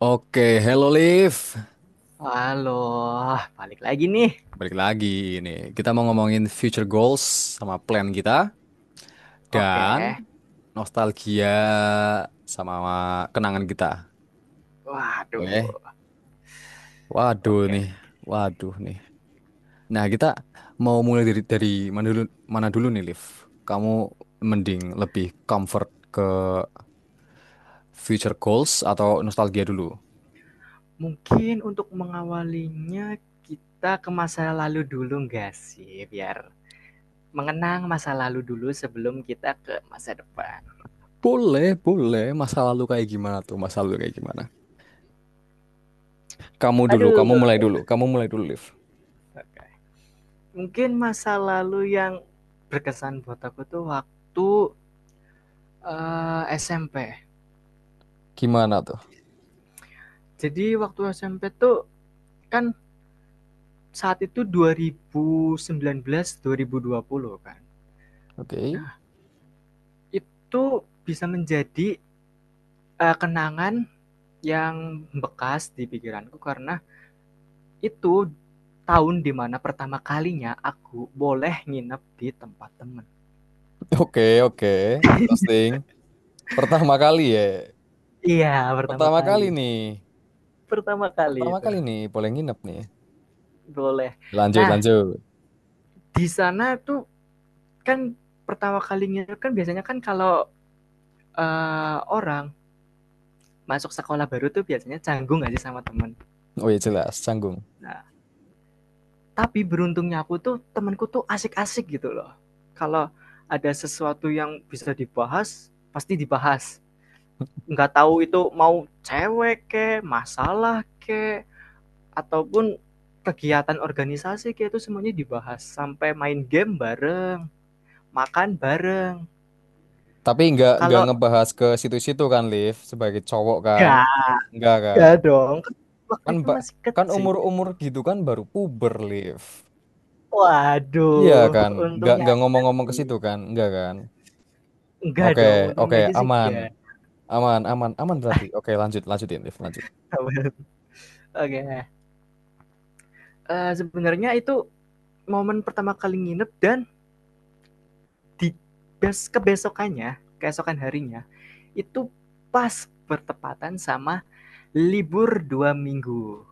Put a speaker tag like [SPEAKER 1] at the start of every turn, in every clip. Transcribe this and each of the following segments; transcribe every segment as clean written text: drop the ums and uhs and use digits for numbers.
[SPEAKER 1] Oke, hello Liv.
[SPEAKER 2] Halo, balik lagi nih.
[SPEAKER 1] Balik lagi ini. Kita mau ngomongin future goals sama plan kita
[SPEAKER 2] Oke.
[SPEAKER 1] dan nostalgia sama kenangan kita. Oke.
[SPEAKER 2] Waduh,
[SPEAKER 1] Waduh
[SPEAKER 2] oke.
[SPEAKER 1] nih. Waduh nih. Nah, kita mau mulai dari mana dulu mana dulu nih, Liv? Kamu mending lebih comfort ke future goals atau nostalgia dulu?
[SPEAKER 2] Mungkin untuk mengawalinya kita ke masa lalu dulu nggak sih? Biar mengenang masa lalu dulu sebelum kita ke masa depan.
[SPEAKER 1] Boleh, boleh. Masa lalu kayak gimana tuh? Masa lalu kayak gimana? Kamu dulu,
[SPEAKER 2] Aduh,
[SPEAKER 1] kamu mulai dulu. Kamu mulai dulu, Liv.
[SPEAKER 2] oke. Mungkin masa lalu yang berkesan buat aku tuh waktu SMP.
[SPEAKER 1] Gimana tuh?
[SPEAKER 2] Jadi waktu SMP tuh kan saat itu 2019 2020 kan.
[SPEAKER 1] Oke,
[SPEAKER 2] Nah, itu bisa menjadi kenangan yang bekas di pikiranku karena itu tahun dimana pertama kalinya aku boleh nginep di tempat temen.
[SPEAKER 1] oke, oke. Interesting. Pertama kali ya.
[SPEAKER 2] Iya, pertama
[SPEAKER 1] Pertama kali
[SPEAKER 2] kali.
[SPEAKER 1] nih.
[SPEAKER 2] Pertama kali
[SPEAKER 1] Pertama
[SPEAKER 2] itu
[SPEAKER 1] kali nih boleh nginep nih.
[SPEAKER 2] boleh.
[SPEAKER 1] Lanjut,
[SPEAKER 2] Nah,
[SPEAKER 1] lanjut.
[SPEAKER 2] di sana tuh kan pertama kalinya kan biasanya kan kalau orang masuk sekolah baru tuh biasanya canggung aja sama temen.
[SPEAKER 1] Oh iya jelas, canggung.
[SPEAKER 2] Nah, tapi beruntungnya aku tuh temanku tuh asik-asik gitu loh. Kalau ada sesuatu yang bisa dibahas, pasti dibahas. Nggak tahu itu mau cewek ke, masalah ke, ataupun kegiatan organisasi ke itu semuanya dibahas sampai main game bareng, makan bareng.
[SPEAKER 1] Tapi nggak
[SPEAKER 2] Kalau
[SPEAKER 1] ngebahas ke situ-situ kan, Liv, sebagai cowok kan?
[SPEAKER 2] ya,
[SPEAKER 1] Nggak
[SPEAKER 2] ya
[SPEAKER 1] kan?
[SPEAKER 2] dong. Kan waktu
[SPEAKER 1] Kan
[SPEAKER 2] itu
[SPEAKER 1] mbak
[SPEAKER 2] masih
[SPEAKER 1] kan
[SPEAKER 2] kecil.
[SPEAKER 1] umur-umur gitu kan baru puber, Liv. Iya
[SPEAKER 2] Waduh,
[SPEAKER 1] kan? Nggak
[SPEAKER 2] untungnya
[SPEAKER 1] nggak
[SPEAKER 2] aja
[SPEAKER 1] ngomong-ngomong ke
[SPEAKER 2] sih.
[SPEAKER 1] situ kan? Nggak kan?
[SPEAKER 2] Enggak
[SPEAKER 1] Oke,
[SPEAKER 2] dong,
[SPEAKER 1] oke,
[SPEAKER 2] untungnya aja sih
[SPEAKER 1] aman.
[SPEAKER 2] enggak.
[SPEAKER 1] Aman, aman, aman berarti. Oke, lanjut, lanjutin, Liv, lanjut.
[SPEAKER 2] Oke. Okay. Sebenarnya itu momen pertama kali nginep dan di bes kebesokannya, keesokan harinya itu pas bertepatan sama libur 2 minggu.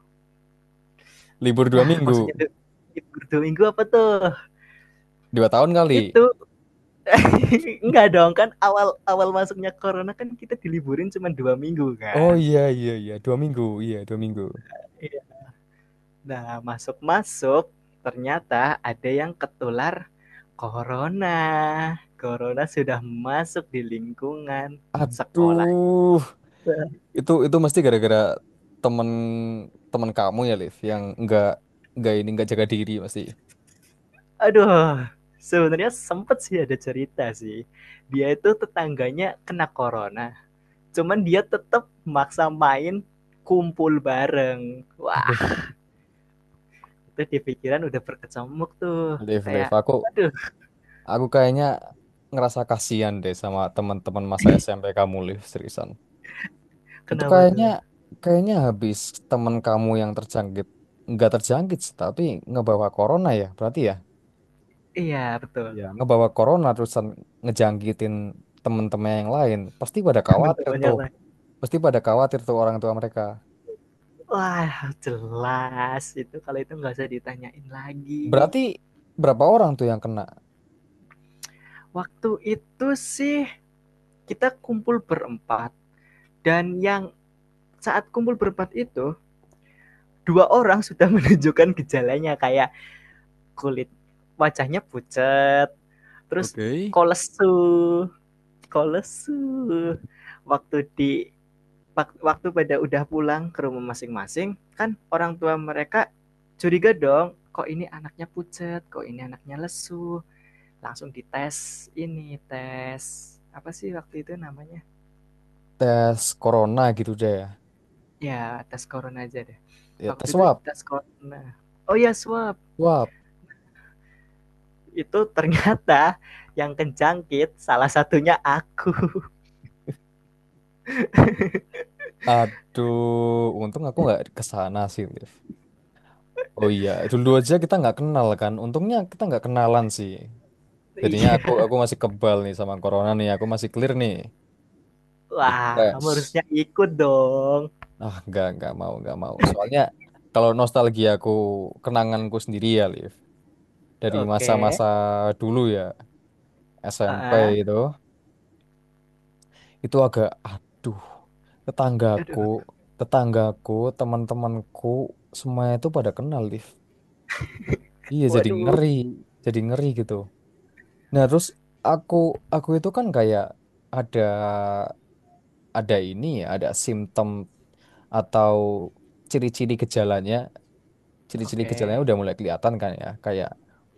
[SPEAKER 1] Libur dua
[SPEAKER 2] Nah,
[SPEAKER 1] minggu,
[SPEAKER 2] maksudnya libur 2 minggu apa tuh?
[SPEAKER 1] 2 tahun kali.
[SPEAKER 2] Itu enggak dong, kan awal awal masuknya corona kan kita diliburin cuma 2 minggu
[SPEAKER 1] Oh
[SPEAKER 2] kan.
[SPEAKER 1] iya iya iya, 2 minggu, iya 2 minggu.
[SPEAKER 2] Iya. Nah, masuk-masuk ternyata ada yang ketular corona. Corona sudah masuk di lingkungan sekolah.
[SPEAKER 1] Aduh, itu mesti gara-gara temen temen kamu ya Liv, yang nggak ini nggak jaga diri pasti.
[SPEAKER 2] Aduh, sebenarnya sempet sih ada cerita sih. Dia itu tetangganya kena corona, cuman dia tetap maksa main kumpul bareng. Wah,
[SPEAKER 1] Aduh,
[SPEAKER 2] itu di pikiran udah berkecamuk tuh.
[SPEAKER 1] Liv Liv,
[SPEAKER 2] Kayak,
[SPEAKER 1] aku
[SPEAKER 2] aduh,
[SPEAKER 1] aku kayaknya ngerasa kasihan deh sama teman-teman masa SMP kamu Liv, seriusan. Itu
[SPEAKER 2] kenapa
[SPEAKER 1] kayaknya
[SPEAKER 2] tuh?
[SPEAKER 1] kayaknya habis teman kamu yang terjangkit, nggak terjangkit sih, tapi ngebawa corona ya berarti ya.
[SPEAKER 2] Iya,
[SPEAKER 1] Ya
[SPEAKER 2] betul.
[SPEAKER 1] ngebawa corona, terusan ngejangkitin temen-temen yang lain, pasti pada khawatir
[SPEAKER 2] Teman-temannya
[SPEAKER 1] tuh
[SPEAKER 2] lain.
[SPEAKER 1] pasti pada khawatir tuh orang tua mereka.
[SPEAKER 2] Wah, jelas. Itu kalau itu nggak usah ditanyain lagi.
[SPEAKER 1] Berarti berapa orang tuh yang kena?
[SPEAKER 2] Waktu itu sih kita kumpul berempat. Dan yang saat kumpul berempat itu, dua orang sudah menunjukkan gejalanya kayak kulit wajahnya pucat, terus
[SPEAKER 1] Oke.
[SPEAKER 2] kolesu, kolesu. Waktu di Waktu pada udah pulang ke rumah masing-masing, kan orang tua mereka curiga dong, kok ini anaknya pucat, kok ini anaknya lesu. Langsung dites ini, tes apa sih waktu itu namanya?
[SPEAKER 1] Tes corona gitu deh.
[SPEAKER 2] Ya, tes corona aja deh.
[SPEAKER 1] Ya,
[SPEAKER 2] Waktu
[SPEAKER 1] tes
[SPEAKER 2] itu
[SPEAKER 1] swab
[SPEAKER 2] tes corona. Oh ya, swab.
[SPEAKER 1] swab
[SPEAKER 2] Itu ternyata yang kejangkit salah satunya aku.
[SPEAKER 1] Aduh, untung aku nggak ke sana sih, Liv. Oh iya, dulu aja kita nggak kenal kan, untungnya kita nggak kenalan sih. Jadinya aku masih kebal nih sama corona nih. Aku masih clear nih, masih
[SPEAKER 2] Wah, kamu
[SPEAKER 1] fresh.
[SPEAKER 2] harusnya ikut dong.
[SPEAKER 1] Ah, nggak mau, nggak mau. Soalnya kalau nostalgiaku, kenanganku sendiri ya, Liv. Dari
[SPEAKER 2] Oke.
[SPEAKER 1] masa-masa dulu ya, SMP
[SPEAKER 2] Heeh.
[SPEAKER 1] itu, agak aduh, tetanggaku,
[SPEAKER 2] Aduh.
[SPEAKER 1] tetanggaku, teman-temanku semuanya itu pada kenal, Liv. Iya jadi
[SPEAKER 2] Waduh. Oke.
[SPEAKER 1] ngeri, jadi ngeri gitu. Nah terus aku aku itu kan kayak ada ada ini ya, ada simptom atau ciri-ciri gejalanya ciri-ciri gejalanya
[SPEAKER 2] Okay.
[SPEAKER 1] udah mulai kelihatan kan ya, kayak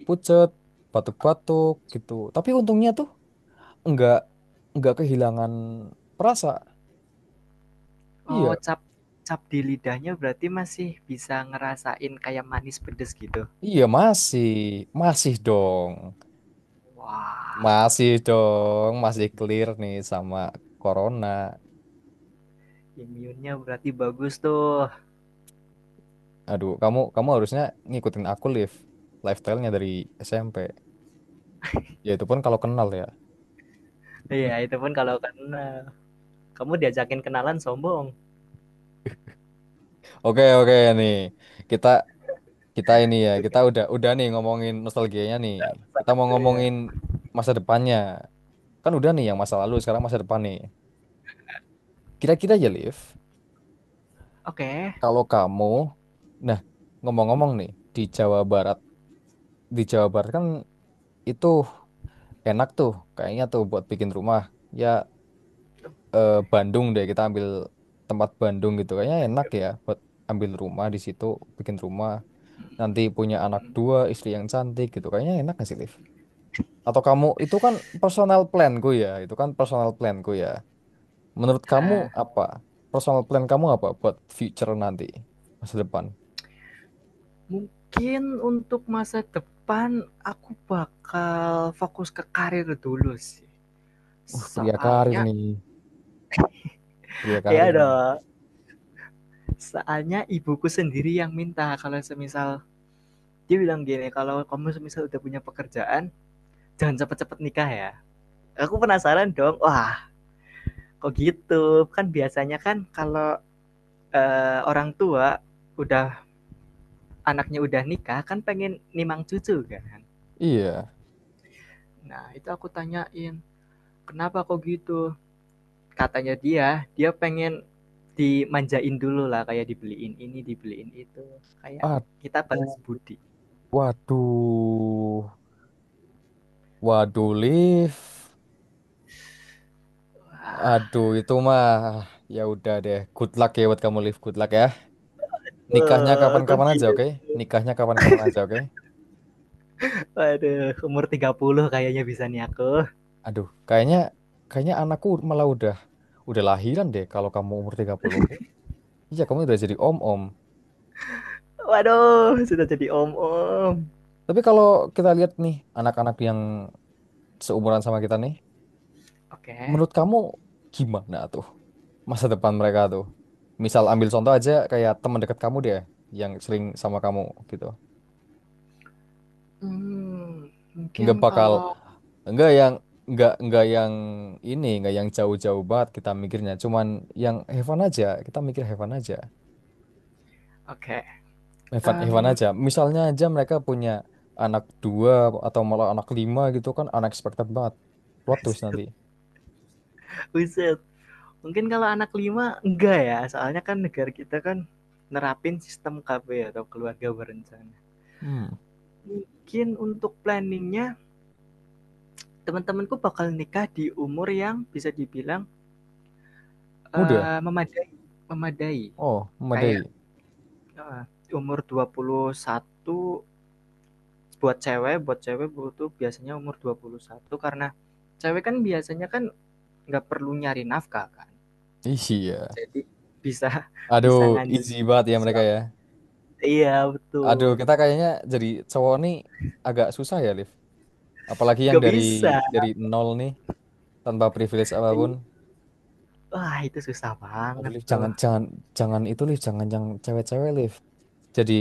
[SPEAKER 1] pucet, batuk-batuk gitu, tapi untungnya tuh enggak enggak kehilangan perasa.
[SPEAKER 2] Oh,
[SPEAKER 1] Iya
[SPEAKER 2] cap cap di lidahnya berarti masih bisa ngerasain kayak manis pedes gitu.
[SPEAKER 1] iya, masih masih dong,
[SPEAKER 2] Wah,
[SPEAKER 1] masih dong, masih clear nih sama corona.
[SPEAKER 2] imunnya berarti bagus tuh.
[SPEAKER 1] Aduh, kamu kamu harusnya ngikutin aku, live lifestyle-nya dari SMP, ya itu pun kalau kenal ya.
[SPEAKER 2] Iya, itu pun kalau kena. Kamu diajakin kenalan sombong.
[SPEAKER 1] Oke, oke nih, kita Kita ini ya, kita
[SPEAKER 2] Oke.
[SPEAKER 1] udah nih ngomongin nostalgianya nih. Kita mau ngomongin masa depannya. Kan udah nih yang masa lalu, sekarang masa depan nih. Kira-kira aja, Liv,
[SPEAKER 2] Oke.
[SPEAKER 1] kalau kamu, nah, ngomong-ngomong nih, di Jawa Barat, di Jawa Barat kan itu enak tuh, kayaknya tuh buat bikin rumah. Ya, Bandung deh, kita ambil tempat Bandung gitu, kayaknya enak ya buat ambil rumah di situ, bikin rumah, nanti punya anak dua, istri yang cantik gitu, kayaknya enak gak sih, Liv? Atau kamu, itu kan personal planku ya, itu kan personal planku ya. Menurut kamu
[SPEAKER 2] Eh,
[SPEAKER 1] apa? Personal plan kamu apa buat future nanti, masa depan?
[SPEAKER 2] mungkin untuk masa depan aku bakal fokus ke karir dulu sih.
[SPEAKER 1] Pria karir
[SPEAKER 2] Soalnya
[SPEAKER 1] nih, pria karir
[SPEAKER 2] ya
[SPEAKER 1] nih.
[SPEAKER 2] dong, soalnya ibuku sendiri yang minta kalau semisal dia bilang gini, kalau kamu semisal udah punya pekerjaan, jangan cepet-cepet nikah ya. Aku penasaran dong, wah kok gitu? Kan biasanya kan kalau orang tua udah anaknya udah nikah kan pengen nimang cucu kan.
[SPEAKER 1] Iya.
[SPEAKER 2] Nah, itu aku tanyain, kenapa kok gitu? Katanya dia dia pengen dimanjain dulu lah kayak dibeliin ini dibeliin itu kayak kita balas
[SPEAKER 1] Aduh,
[SPEAKER 2] budi.
[SPEAKER 1] waduh, waduh, lift.
[SPEAKER 2] Wah,
[SPEAKER 1] Aduh, itu mah ya udah deh. Good luck ya buat kamu lift, good luck ya. Nikahnya
[SPEAKER 2] Wah, kok
[SPEAKER 1] kapan-kapan aja,
[SPEAKER 2] gitu?
[SPEAKER 1] oke? Nikahnya kapan-kapan aja, oke?
[SPEAKER 2] Waduh, umur 30 kayaknya bisa nih aku.
[SPEAKER 1] Aduh, kayaknya kayaknya anakku malah udah lahiran deh kalau kamu umur 30. Iya, kamu udah jadi om-om.
[SPEAKER 2] Waduh, sudah jadi om-om.
[SPEAKER 1] Tapi kalau kita lihat nih anak-anak yang seumuran sama kita nih,
[SPEAKER 2] Oke. Okay.
[SPEAKER 1] menurut kamu gimana tuh masa depan mereka tuh? Misal ambil contoh aja kayak teman dekat kamu deh, yang sering sama kamu gitu.
[SPEAKER 2] Hmm, mungkin
[SPEAKER 1] Nggak bakal,
[SPEAKER 2] kalau
[SPEAKER 1] nggak yang, nggak yang ini, nggak yang jauh-jauh banget kita mikirnya, cuman yang heaven aja, kita mikir heaven aja.
[SPEAKER 2] oke.
[SPEAKER 1] Hewan, hewan
[SPEAKER 2] Em,
[SPEAKER 1] aja. Misalnya aja mereka punya anak dua atau malah anak lima gitu, kan unexpected banget. Plot twist nanti.
[SPEAKER 2] buset. Mungkin kalau anak lima enggak ya, soalnya kan negara kita kan nerapin sistem KB atau keluarga berencana.
[SPEAKER 1] Hmm,
[SPEAKER 2] Mungkin untuk planningnya teman-temanku bakal nikah di umur yang bisa dibilang
[SPEAKER 1] Muda.
[SPEAKER 2] memadai, memadai.
[SPEAKER 1] Oh,
[SPEAKER 2] Kayak
[SPEAKER 1] memadai.
[SPEAKER 2] eh, umur 21 buat cewek butuh biasanya umur 21 karena cewek kan biasanya kan nggak perlu nyari nafkah kan.
[SPEAKER 1] Iya.
[SPEAKER 2] Jadi bisa
[SPEAKER 1] Aduh,
[SPEAKER 2] bisa ngandel
[SPEAKER 1] easy banget ya mereka ya.
[SPEAKER 2] suami. Iya,
[SPEAKER 1] Aduh,
[SPEAKER 2] betul.
[SPEAKER 1] kita kayaknya jadi cowok nih agak susah ya, Liv. Apalagi yang
[SPEAKER 2] Nggak
[SPEAKER 1] dari
[SPEAKER 2] bisa.
[SPEAKER 1] dari nol nih, tanpa privilege apapun.
[SPEAKER 2] Wah, itu susah
[SPEAKER 1] Aduh,
[SPEAKER 2] banget
[SPEAKER 1] Liv,
[SPEAKER 2] tuh.
[SPEAKER 1] jangan jangan jangan itu, Liv. Jangan yang cewek-cewek, Liv. jadi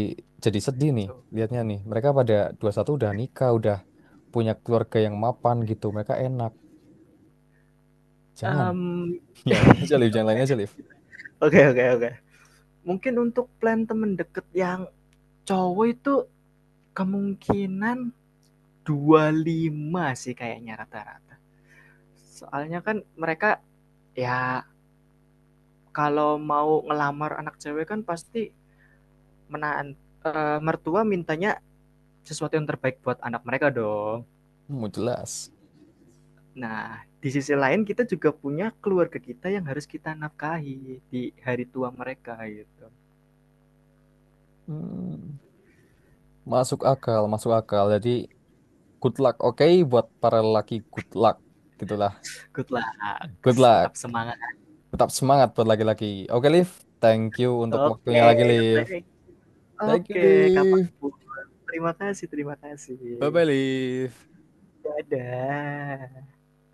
[SPEAKER 1] jadi sedih nih
[SPEAKER 2] So,
[SPEAKER 1] lihatnya nih, mereka pada 21 udah nikah, udah punya keluarga yang mapan gitu, mereka enak. Jangan, yang lain aja Liv, yang lain aja Liv.
[SPEAKER 2] oke, oke, oke. Mungkin untuk plan temen deket yang cowok itu kemungkinan 25 sih kayaknya rata-rata. Soalnya kan mereka ya kalau mau ngelamar anak cewek kan pasti menahan mertua mintanya sesuatu yang terbaik buat anak mereka dong.
[SPEAKER 1] Mau jelas.
[SPEAKER 2] Nah, di sisi lain kita juga punya keluarga kita yang harus kita nafkahi di hari tua mereka gitu.
[SPEAKER 1] Hmm, Masuk akal, masuk akal. Jadi good luck, oke, buat para lelaki. Good luck gitulah.
[SPEAKER 2] Good luck,
[SPEAKER 1] Good luck,
[SPEAKER 2] tetap semangat.
[SPEAKER 1] tetap semangat buat laki-laki. Oke Liv, thank you untuk
[SPEAKER 2] Oke,
[SPEAKER 1] waktunya lagi Liv.
[SPEAKER 2] thank- oke,
[SPEAKER 1] Thank you
[SPEAKER 2] okay. Kapan
[SPEAKER 1] Liv.
[SPEAKER 2] terima kasih, terima kasih.
[SPEAKER 1] Bye bye Liv.
[SPEAKER 2] Dadah.